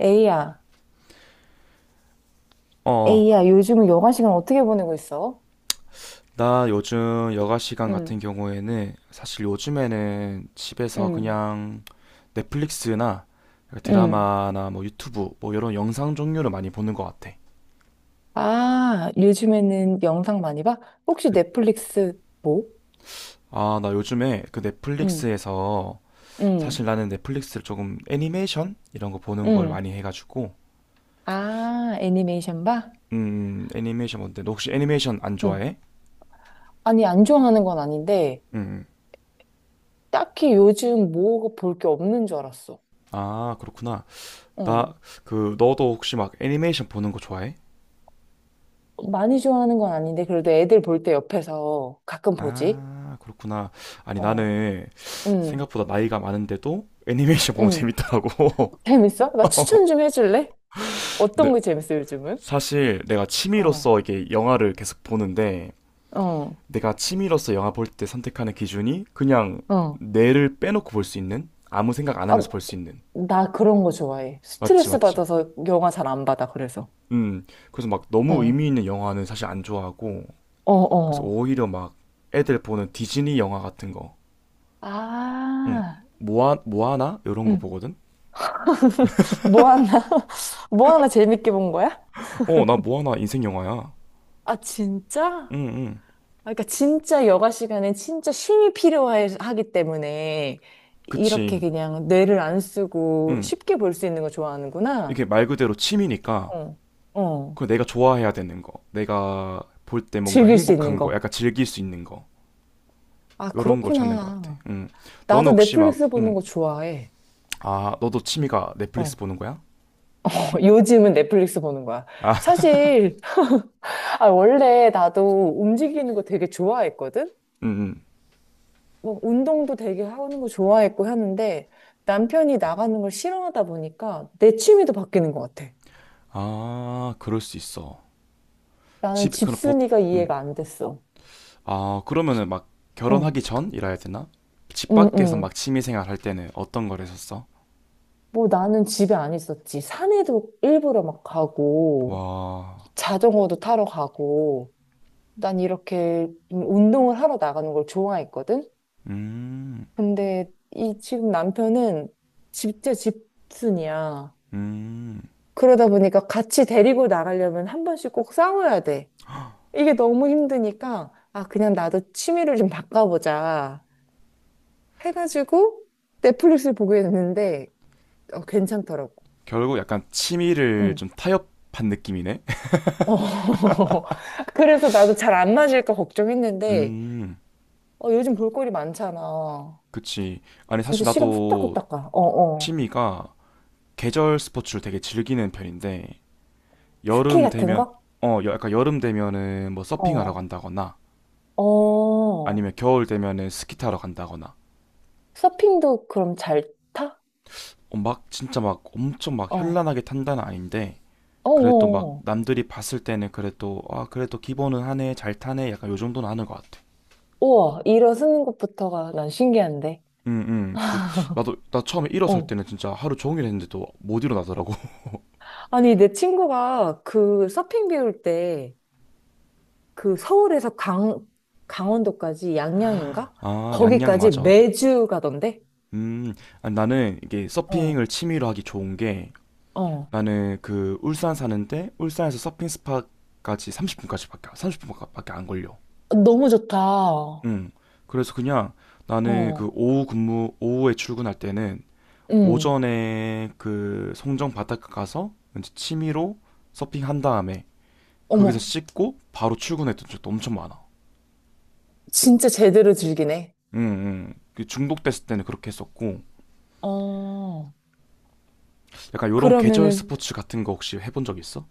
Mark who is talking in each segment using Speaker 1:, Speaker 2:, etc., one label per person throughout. Speaker 1: 에이야,
Speaker 2: 어,
Speaker 1: 에이야, 요즘 여가 시간 어떻게 보내고 있어?
Speaker 2: 나 요즘 여가 시간 같은
Speaker 1: 응,
Speaker 2: 경우에는 사실 요즘에는 집에서
Speaker 1: 응,
Speaker 2: 그냥 넷플릭스나
Speaker 1: 응,
Speaker 2: 드라마나 뭐 유튜브 뭐 이런 영상 종류를 많이 보는 것 같아.
Speaker 1: 아, 요즘에는 영상 많이 봐? 혹시
Speaker 2: 그-
Speaker 1: 넷플릭스 뭐?
Speaker 2: 아, 나 요즘에 그
Speaker 1: 응,
Speaker 2: 넷플릭스에서
Speaker 1: 응,
Speaker 2: 사실 나는 넷플릭스를 조금 애니메이션 이런 거 보는 걸
Speaker 1: 응,
Speaker 2: 많이 해가지고
Speaker 1: 아, 애니메이션 봐?
Speaker 2: 애니메이션 뭔데? 너 혹시 애니메이션 안
Speaker 1: 응.
Speaker 2: 좋아해?
Speaker 1: 아니, 안 좋아하는 건 아닌데,
Speaker 2: 음,
Speaker 1: 딱히 요즘 뭐 볼 게 없는 줄 알았어.
Speaker 2: 아, 그렇구나. 나
Speaker 1: 어,
Speaker 2: 그 너도 혹시 막 애니메이션 보는 거 좋아해?
Speaker 1: 많이 좋아하는 건 아닌데, 그래도 애들 볼 때 옆에서 가끔 보지?
Speaker 2: 아, 그렇구나. 아니,
Speaker 1: 어.
Speaker 2: 나는
Speaker 1: 응,
Speaker 2: 생각보다 나이가 많은데도 애니메이션 보면
Speaker 1: 응,
Speaker 2: 재밌더라고.
Speaker 1: 재밌어? 나 추천 좀 해줄래?
Speaker 2: 네,
Speaker 1: 어떤 게 재밌어, 요즘은?
Speaker 2: 사실 내가
Speaker 1: 어.
Speaker 2: 취미로서 이게 영화를 계속 보는데
Speaker 1: 어,
Speaker 2: 내가 취미로서 영화 볼 때 선택하는 기준이 그냥
Speaker 1: 어,
Speaker 2: 뇌를 빼놓고 볼 수 있는 아무 생각 안
Speaker 1: 아,
Speaker 2: 하면서 볼 수 있는
Speaker 1: 나 그런 거 좋아해.
Speaker 2: 맞지
Speaker 1: 스트레스
Speaker 2: 맞지
Speaker 1: 받아서 영화 잘 안 받아, 그래서.
Speaker 2: 음 그래서 막 너무
Speaker 1: 어,
Speaker 2: 의미 있는 영화는 사실 안 좋아하고
Speaker 1: 어,
Speaker 2: 그래서
Speaker 1: 어.
Speaker 2: 오히려 막 애들 보는 디즈니 영화 같은 거 응.
Speaker 1: 아,
Speaker 2: 모아나 이런 거
Speaker 1: 응.
Speaker 2: 보거든
Speaker 1: 뭐 하나, 뭐 하나 재밌게 본 거야?
Speaker 2: 어 나 모아나 인생 영화야
Speaker 1: 아, 진짜? 아,
Speaker 2: 응, 응.
Speaker 1: 그러니까 진짜 여가 시간엔 진짜 쉼이 필요하기 때문에 이렇게
Speaker 2: 그치.
Speaker 1: 그냥 뇌를 안 쓰고
Speaker 2: 응.
Speaker 1: 쉽게 볼 수 있는 거
Speaker 2: 이게
Speaker 1: 좋아하는구나.
Speaker 2: 말 그대로 취미니까,
Speaker 1: 어. 어,
Speaker 2: 그 내가 좋아해야 되는 거, 내가 볼 때 뭔가
Speaker 1: 즐길 수 있는
Speaker 2: 행복한 거,
Speaker 1: 거.
Speaker 2: 약간 즐길 수 있는 거,
Speaker 1: 아,
Speaker 2: 요런 걸 찾는 것 같아.
Speaker 1: 그렇구나.
Speaker 2: 응. 너는
Speaker 1: 나도
Speaker 2: 혹시 막,
Speaker 1: 넷플릭스 보는
Speaker 2: 응.
Speaker 1: 거 좋아해.
Speaker 2: 아, 너도 취미가 넷플릭스
Speaker 1: 어.
Speaker 2: 보는 거야?
Speaker 1: 요즘은 넷플릭스 보는 거야.
Speaker 2: 아,
Speaker 1: 사실, 아, 원래 나도 움직이는 거 되게 좋아했거든?
Speaker 2: 응, 응.
Speaker 1: 뭐, 운동도 되게 하는 거 좋아했고 하는데, 남편이 나가는 걸 싫어하다 보니까 내 취미도 바뀌는 것 같아.
Speaker 2: 아, 그럴 수 있어.
Speaker 1: 나는
Speaker 2: 집에, 그럼 보,
Speaker 1: 집순이가 이해가 안 됐어.
Speaker 2: 아, 그러면은 막
Speaker 1: 응,
Speaker 2: 결혼하기 전이라 해야 되나? 집
Speaker 1: 응,
Speaker 2: 밖에서
Speaker 1: 응.
Speaker 2: 막 취미생활 할 때는 어떤 걸 했었어?
Speaker 1: 뭐 나는 집에 안 있었지. 산에도 일부러 막 가고,
Speaker 2: 와,
Speaker 1: 자전거도 타러 가고, 난 이렇게 좀 운동을 하러 나가는 걸 좋아했거든?
Speaker 2: 음,
Speaker 1: 근데 이 지금 남편은 진짜 집순이야.
Speaker 2: 음.
Speaker 1: 그러다 보니까 같이 데리고 나가려면 한 번씩 꼭 싸워야 돼. 이게 너무 힘드니까, 아, 그냥 나도 취미를 좀 바꿔보자. 해가지고 넷플릭스를 보게 됐는데, 어, 괜찮더라고.
Speaker 2: 결국 약간 취미를
Speaker 1: 응.
Speaker 2: 좀 타협한 느낌이네.
Speaker 1: 어. 그래서 나도 잘 안 맞을까 걱정했는데,
Speaker 2: 음,
Speaker 1: 어, 요즘 볼거리 많잖아.
Speaker 2: 그치. 아니, 사실
Speaker 1: 진짜 시간
Speaker 2: 나도
Speaker 1: 후딱후딱 가. 어, 어.
Speaker 2: 취미가 계절 스포츠를 되게 즐기는 편인데,
Speaker 1: 스키
Speaker 2: 여름
Speaker 1: 같은
Speaker 2: 되면,
Speaker 1: 거?
Speaker 2: 약간 여름 되면은 뭐 서핑하러
Speaker 1: 어.
Speaker 2: 간다거나,
Speaker 1: 어.
Speaker 2: 아니면 겨울 되면은 스키 타러 간다거나,
Speaker 1: 서핑도 그럼 잘 타?
Speaker 2: 어, 막 진짜 막 엄청 막
Speaker 1: 어.
Speaker 2: 현란하게 탄다는 아닌데,
Speaker 1: 어,
Speaker 2: 그래도 막
Speaker 1: 어.
Speaker 2: 남들이 봤을 때는 그래도, 아, 그래도 기본은 하네, 잘 타네, 약간 요 정도는 하는 것 같아.
Speaker 1: 우와, 일어서는 것부터가 난 신기한데.
Speaker 2: 응, 응. 나 처음에 일어설
Speaker 1: 어.
Speaker 2: 때는 진짜 하루 종일 했는데도 못 일어나더라고.
Speaker 1: 아니, 내 친구가 그 서핑 배울 때 그 서울에서 강, 강원도까지 양양인가?
Speaker 2: 아, 양양
Speaker 1: 거기까지
Speaker 2: 맞아.
Speaker 1: 매주 가던데?
Speaker 2: 음, 아니, 나는 이게
Speaker 1: 어,
Speaker 2: 서핑을 취미로 하기 좋은 게
Speaker 1: 어.
Speaker 2: 나는 그 울산 사는데 울산에서 서핑 스팟까지 30분까지밖에 30분밖에 안 걸려.
Speaker 1: 너무 좋다. 어,
Speaker 2: 음. 그래서 그냥 나는 그 오후에 출근할 때는
Speaker 1: 응.
Speaker 2: 오전에 그 송정 바닷가 가서 이제 취미로 서핑 한 다음에 거기서
Speaker 1: 어머,
Speaker 2: 씻고 바로 출근했던 적도 엄청 많아.
Speaker 1: 진짜 제대로 즐기네.
Speaker 2: 음, 그 중독됐을 때는 그렇게 했었고
Speaker 1: 어,
Speaker 2: 약간 요런 계절
Speaker 1: 그러면은
Speaker 2: 스포츠 같은 거 혹시 해본 적 있어?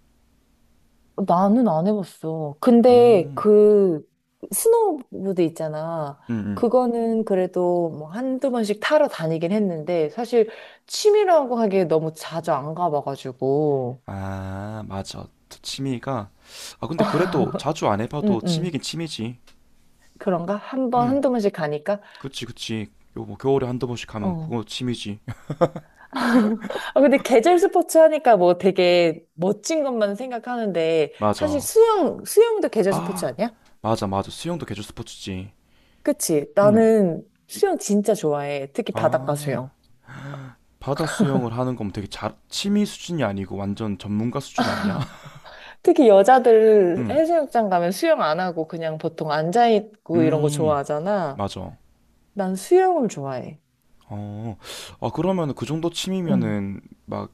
Speaker 1: 나는 안 해봤어. 근데
Speaker 2: 음,
Speaker 1: 그 스노우보드 있잖아.
Speaker 2: 음, 음.
Speaker 1: 그거는 그래도 뭐 한두 번씩 타러 다니긴 했는데 사실 취미라고 하기에 너무 자주 안 가봐가지고.
Speaker 2: 아, 맞아. 저 취미가. 아, 근데 그래도 자주 안
Speaker 1: 응,
Speaker 2: 해봐도
Speaker 1: 응.
Speaker 2: 취미긴 취미지.
Speaker 1: 그런가? 한 번,
Speaker 2: 음,
Speaker 1: 한두 번씩 가니까?
Speaker 2: 그치, 그치. 요, 뭐, 겨울에 한두 번씩 가면
Speaker 1: 어.
Speaker 2: 그거 취미지.
Speaker 1: 아, 근데 계절 스포츠 하니까 뭐 되게 멋진 것만 생각하는데 사실
Speaker 2: 맞아.
Speaker 1: 수영, 수영도 계절 스포츠
Speaker 2: 아,
Speaker 1: 아니야?
Speaker 2: 맞아, 맞아. 수영도 계절 스포츠지.
Speaker 1: 그치?
Speaker 2: 음,
Speaker 1: 나는 수영 진짜 좋아해. 특히 바닷가
Speaker 2: 아,
Speaker 1: 수영.
Speaker 2: 바다 수영을 하는 거면 되게 잘, 취미 수준이 아니고 완전 전문가 수준 아니야?
Speaker 1: 특히 여자들
Speaker 2: 음,
Speaker 1: 해수욕장 가면 수영 안 하고 그냥 보통 앉아있고 이런 거
Speaker 2: 음,
Speaker 1: 좋아하잖아.
Speaker 2: 맞아.
Speaker 1: 난 수영을 좋아해.
Speaker 2: 어, 아, 그러면 그 정도
Speaker 1: 응.
Speaker 2: 취미면은 막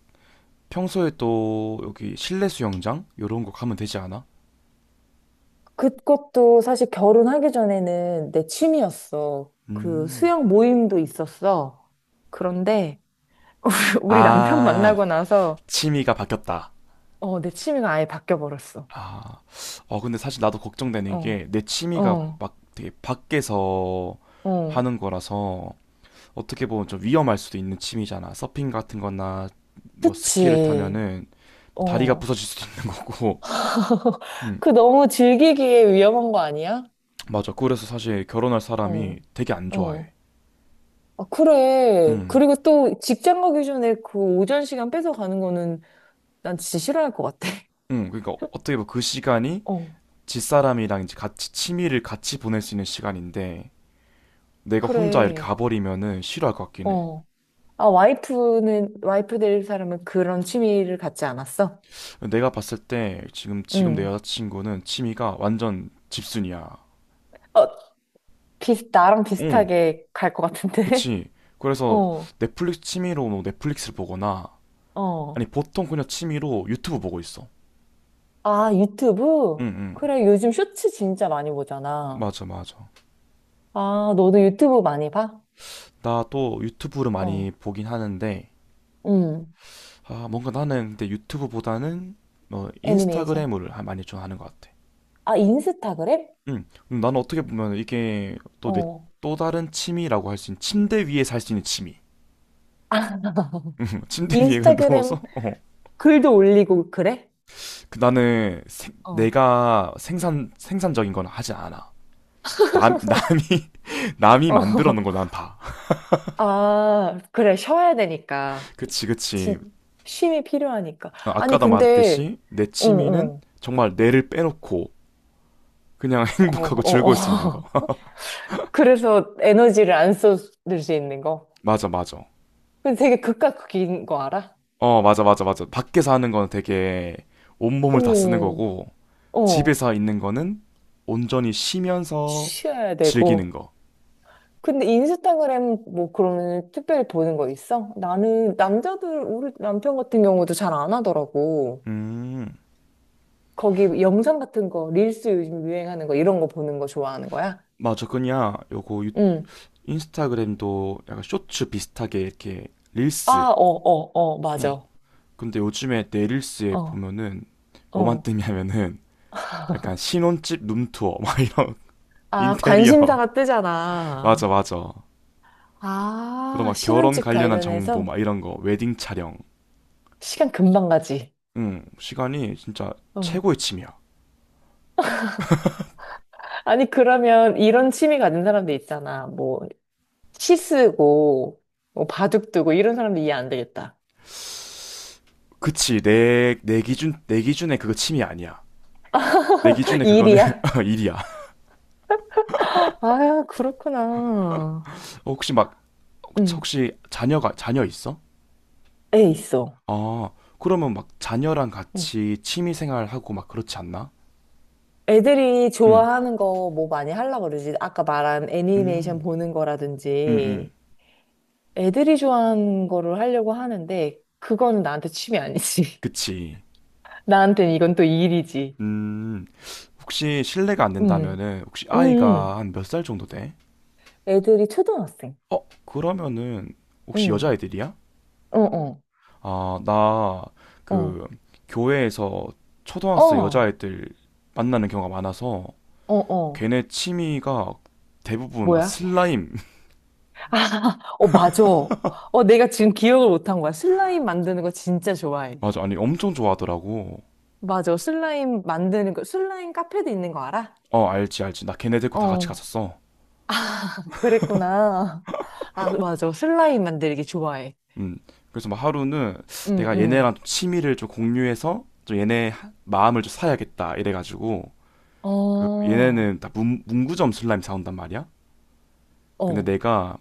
Speaker 2: 평소에 또 여기 실내 수영장? 요런 거 가면 되지 않아?
Speaker 1: 그것도 사실 결혼하기 전에는 내 취미였어. 그
Speaker 2: 음.
Speaker 1: 수영 모임도 있었어. 그런데 우리 남편
Speaker 2: 아,
Speaker 1: 만나고 나서
Speaker 2: 취미가 바뀌었다.
Speaker 1: 어, 내 취미가 아예 바뀌어 버렸어.
Speaker 2: 아, 어, 근데 사실 나도 걱정되는
Speaker 1: 어,
Speaker 2: 게 내 취미가
Speaker 1: 어,
Speaker 2: 막 되게 밖에서
Speaker 1: 어.
Speaker 2: 하는 거라서 어떻게 보면 좀 위험할 수도 있는 취미잖아. 서핑 같은 거나 뭐 스키를
Speaker 1: 그치.
Speaker 2: 타면은 뭐 다리가
Speaker 1: 어.
Speaker 2: 부서질 수도 있는 거고. 음,
Speaker 1: 그 너무 즐기기에 위험한 거 아니야?
Speaker 2: 맞아. 그래서 사실 결혼할
Speaker 1: 어,
Speaker 2: 사람이 되게 안 좋아해.
Speaker 1: 어. 아, 그래.
Speaker 2: 음,
Speaker 1: 그리고 또 직장 가기 전에 그 오전 시간 뺏어 가는 거는 난 진짜 싫어할 것 같아.
Speaker 2: 그러니까 어떻게 보면 그 시간이
Speaker 1: 어,
Speaker 2: 집사람이랑 이제 같이 취미를 같이 보낼 수 있는 시간인데 내가 혼자 이렇게
Speaker 1: 그래.
Speaker 2: 가버리면은 싫어할 것 같긴 해.
Speaker 1: 어. 아, 와이프 될 사람은 그런 취미를 갖지 않았어?
Speaker 2: 내가 봤을 때 지금 내
Speaker 1: 응.
Speaker 2: 여자친구는 취미가 완전 집순이야.
Speaker 1: 어, 나랑
Speaker 2: 응,
Speaker 1: 비슷하게 갈 것 같은데?
Speaker 2: 그치. 그래서
Speaker 1: 어,
Speaker 2: 넷플릭스 취미로 뭐 넷플릭스를 보거나 아니
Speaker 1: 어.
Speaker 2: 보통 그냥 취미로 유튜브 보고 있어.
Speaker 1: 아,
Speaker 2: 응,
Speaker 1: 유튜브?
Speaker 2: 응.
Speaker 1: 그래, 요즘 쇼츠 진짜 많이 보잖아.
Speaker 2: 맞아, 맞아.
Speaker 1: 아, 너도 유튜브 많이 봐?
Speaker 2: 나도 유튜브를 많이
Speaker 1: 어,
Speaker 2: 보긴 하는데
Speaker 1: 응.
Speaker 2: 아 뭔가 나는 근데 유튜브보다는 뭐
Speaker 1: 애니메이션.
Speaker 2: 인스타그램을 많이 좀 하는 것 같아.
Speaker 1: 아, 인스타그램?
Speaker 2: 응. 그럼 나는 어떻게 보면 이게 또 내
Speaker 1: 어.
Speaker 2: 또 다른 취미라고 할 수 있는 침대 위에서 할 수 있는 취미. 침대 위에 그냥
Speaker 1: 인스타그램
Speaker 2: 누워서
Speaker 1: 글도 올리고 그래?
Speaker 2: 그 나는
Speaker 1: 어.
Speaker 2: 내가 생산적인 건 하지 않아. 남 남이 남이
Speaker 1: 어,
Speaker 2: 만들어 놓은 걸 난 봐.
Speaker 1: 아, 그래, 쉬어야 되니까.
Speaker 2: 그치 그치.
Speaker 1: 진, 쉼이 필요하니까.
Speaker 2: 아,
Speaker 1: 아니,
Speaker 2: 아까도
Speaker 1: 근데,
Speaker 2: 말했듯이 내
Speaker 1: 어,
Speaker 2: 취미는
Speaker 1: 어,
Speaker 2: 정말 뇌를 빼놓고 그냥
Speaker 1: 어,
Speaker 2: 행복하고
Speaker 1: 어,
Speaker 2: 즐거울 수 있는 거.
Speaker 1: 어. 그래서 에너지를 안 쏟을 수 있는 거.
Speaker 2: 맞아 맞아.
Speaker 1: 근데 되게 극과 극인 거 알아?
Speaker 2: 어 맞아 맞아 맞아. 밖에서 하는 건 되게 온몸을 다 쓰는
Speaker 1: 오,
Speaker 2: 거고
Speaker 1: 어,
Speaker 2: 집에서 있는 거는 온전히 쉬면서
Speaker 1: 쉬어야
Speaker 2: 즐기는
Speaker 1: 되고.
Speaker 2: 거.
Speaker 1: 근데 인스타그램 뭐 그러면 특별히 보는 거 있어? 나는 남자들, 우리 남편 같은 경우도 잘 안 하더라고.
Speaker 2: 음
Speaker 1: 거기 영상 같은 거, 릴스 요즘 유행하는 거, 이런 거 보는 거 좋아하는 거야?
Speaker 2: 맞아 그냥 요거
Speaker 1: 응.
Speaker 2: 인스타그램도 약간 쇼츠 비슷하게 이렇게 릴스.
Speaker 1: 아, 어, 어, 어,
Speaker 2: 응.
Speaker 1: 맞아.
Speaker 2: 근데 요즘에 내 릴스에
Speaker 1: 어,
Speaker 2: 보면은 뭐만
Speaker 1: 어.
Speaker 2: 뜨냐면은 약간 신혼집 룸투어 막 이런
Speaker 1: 아,
Speaker 2: 인테리어.
Speaker 1: 관심사가
Speaker 2: 맞아,
Speaker 1: 뜨잖아.
Speaker 2: 맞아. 그리고
Speaker 1: 아,
Speaker 2: 막 결혼
Speaker 1: 신혼집
Speaker 2: 관련한 정보
Speaker 1: 관련해서
Speaker 2: 막 이런 거 웨딩 촬영.
Speaker 1: 시간 금방 가지.
Speaker 2: 응. 시간이 진짜
Speaker 1: 응.
Speaker 2: 최고의 취미야.
Speaker 1: 아니, 그러면 이런 취미 가진 사람들 있잖아. 뭐, 시 쓰고, 뭐, 바둑 두고, 이런 사람들 이해 안 되겠다.
Speaker 2: 그치 내 기준에 그거 취미 아니야. 내 기준에 그거는
Speaker 1: 일이야?
Speaker 2: 일이야.
Speaker 1: 아, 그렇구나.
Speaker 2: 혹시 막
Speaker 1: 응,
Speaker 2: 혹시 자녀 있어?
Speaker 1: 애 있어.
Speaker 2: 아, 그러면 막 자녀랑
Speaker 1: 응.
Speaker 2: 같이 취미 생활하고 막 그렇지 않나?
Speaker 1: 애들이
Speaker 2: 응,
Speaker 1: 좋아하는 거 뭐 많이 하려고 그러지? 아까 말한 애니메이션
Speaker 2: 음,
Speaker 1: 보는
Speaker 2: 응, 응.
Speaker 1: 거라든지 애들이 좋아하는 거를 하려고 하는데 그거는 나한테 취미 아니지.
Speaker 2: 그치.
Speaker 1: 나한테는 이건 또 일이지.
Speaker 2: 음, 혹시 실례가 안
Speaker 1: 음,
Speaker 2: 된다면은, 혹시
Speaker 1: 음,
Speaker 2: 아이가
Speaker 1: 음.
Speaker 2: 한 몇 살 정도 돼?
Speaker 1: 애들이 초등학생.
Speaker 2: 어, 그러면은, 혹시
Speaker 1: 음,
Speaker 2: 여자애들이야?
Speaker 1: 어, 어,
Speaker 2: 아, 나,
Speaker 1: 어,
Speaker 2: 그, 교회에서 초등학생
Speaker 1: 어,
Speaker 2: 여자애들 만나는 경우가 많아서,
Speaker 1: 어, 어.
Speaker 2: 걔네 취미가 대부분 막
Speaker 1: 뭐야?
Speaker 2: 슬라임.
Speaker 1: 아, 어, 맞아. 어, 내가 지금 기억을 못 한 거야. 슬라임 만드는 거 진짜 좋아해.
Speaker 2: 맞아, 아니, 엄청 좋아하더라고.
Speaker 1: 맞아. 슬라임 만드는 거, 슬라임 카페도 있는 거 알아?
Speaker 2: 어, 알지, 알지. 나 걔네 데리고 다 같이
Speaker 1: 어.
Speaker 2: 갔었어.
Speaker 1: 아, 그랬구나. 아, 맞아. 슬라임 만들기 좋아해.
Speaker 2: 음, 그래서 막 하루는
Speaker 1: 응,
Speaker 2: 내가
Speaker 1: 응.
Speaker 2: 얘네랑 좀 취미를 좀 공유해서 좀 얘네 마음을 좀 사야겠다 이래가지고 그
Speaker 1: 어,
Speaker 2: 얘네는 다 문구점 슬라임 사온단 말이야. 근데
Speaker 1: 어.
Speaker 2: 내가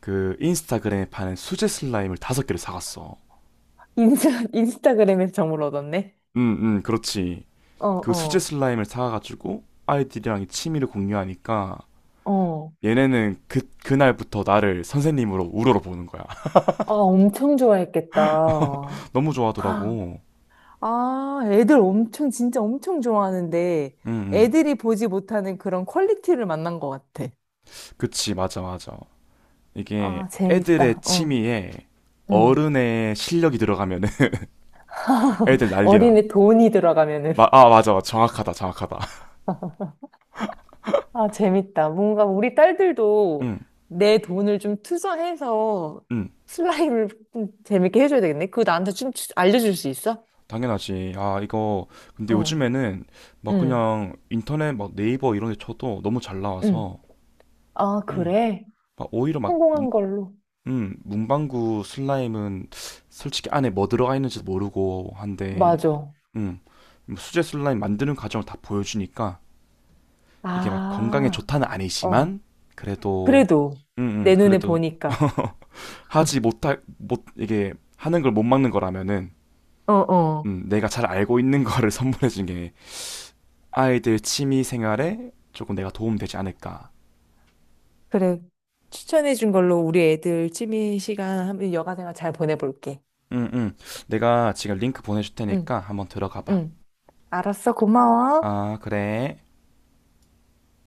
Speaker 2: 그 인스타그램에 파는 수제 슬라임을 다섯 개를 사갔어.
Speaker 1: 인스타그램에서 정보를 얻었네.
Speaker 2: 응응, 그렇지.
Speaker 1: 어,
Speaker 2: 그 수제
Speaker 1: 어,
Speaker 2: 슬라임을 사가지고 아이들이랑 이 취미를 공유하니까
Speaker 1: 어.
Speaker 2: 얘네는 그날부터 나를 선생님으로 우러러 보는 거야.
Speaker 1: 아, 엄청 좋아했겠다.
Speaker 2: 너무 좋아하더라고.
Speaker 1: 아, 애들 엄청, 진짜 엄청 좋아하는데,
Speaker 2: 응응,
Speaker 1: 애들이 보지 못하는 그런 퀄리티를 만난 것 같아.
Speaker 2: 그치, 맞아, 맞아. 이게
Speaker 1: 아,
Speaker 2: 애들의
Speaker 1: 재밌다. 어.
Speaker 2: 취미에
Speaker 1: 응.
Speaker 2: 어른의 실력이 들어가면은 애들 난리나.
Speaker 1: 어린애 돈이 들어가면은.
Speaker 2: 아 맞아 맞아. 정확하다 정확하다.
Speaker 1: 아, 재밌다. 뭔가 우리 딸들도
Speaker 2: 응.
Speaker 1: 내 돈을 좀 투자해서
Speaker 2: 응.
Speaker 1: 슬라임을 좀 재밌게 해줘야 되겠네. 그거 나한테 좀 알려줄 수 있어?
Speaker 2: 당연하지. 아 이거 근데
Speaker 1: 어,
Speaker 2: 요즘에는 막
Speaker 1: 응,
Speaker 2: 그냥 인터넷 막 네이버 이런 데 쳐도 너무 잘
Speaker 1: 응.
Speaker 2: 나와서
Speaker 1: 아,
Speaker 2: 응.
Speaker 1: 그래?
Speaker 2: 막 오히려 막
Speaker 1: 성공한 걸로.
Speaker 2: 응, 문방구 슬라임은 솔직히 안에 뭐 들어가 있는지도 모르고 한데
Speaker 1: 맞아.
Speaker 2: 응 뭐 수제 슬라임 만드는 과정을 다 보여주니까 이게 막 건강에
Speaker 1: 아,
Speaker 2: 좋다는
Speaker 1: 어.
Speaker 2: 아니지만 그래도
Speaker 1: 그래도 내 눈에
Speaker 2: 그래도
Speaker 1: 보니까.
Speaker 2: 하지 못할 못 이게 하는 걸 못 막는 거라면은
Speaker 1: 어, 어.
Speaker 2: 내가 잘 알고 있는 거를 선물해 준 게 아이들 취미 생활에 조금 내가 도움 되지 않을까.
Speaker 1: 그래. 추천해준 걸로 우리 애들 취미 시간 하면 여가생활 잘 보내볼게.
Speaker 2: 음, 음. 내가 지금 링크 보내줄
Speaker 1: 응,
Speaker 2: 테니까 한번 들어가 봐.
Speaker 1: 응. 알았어. 고마워.
Speaker 2: 아, 그래.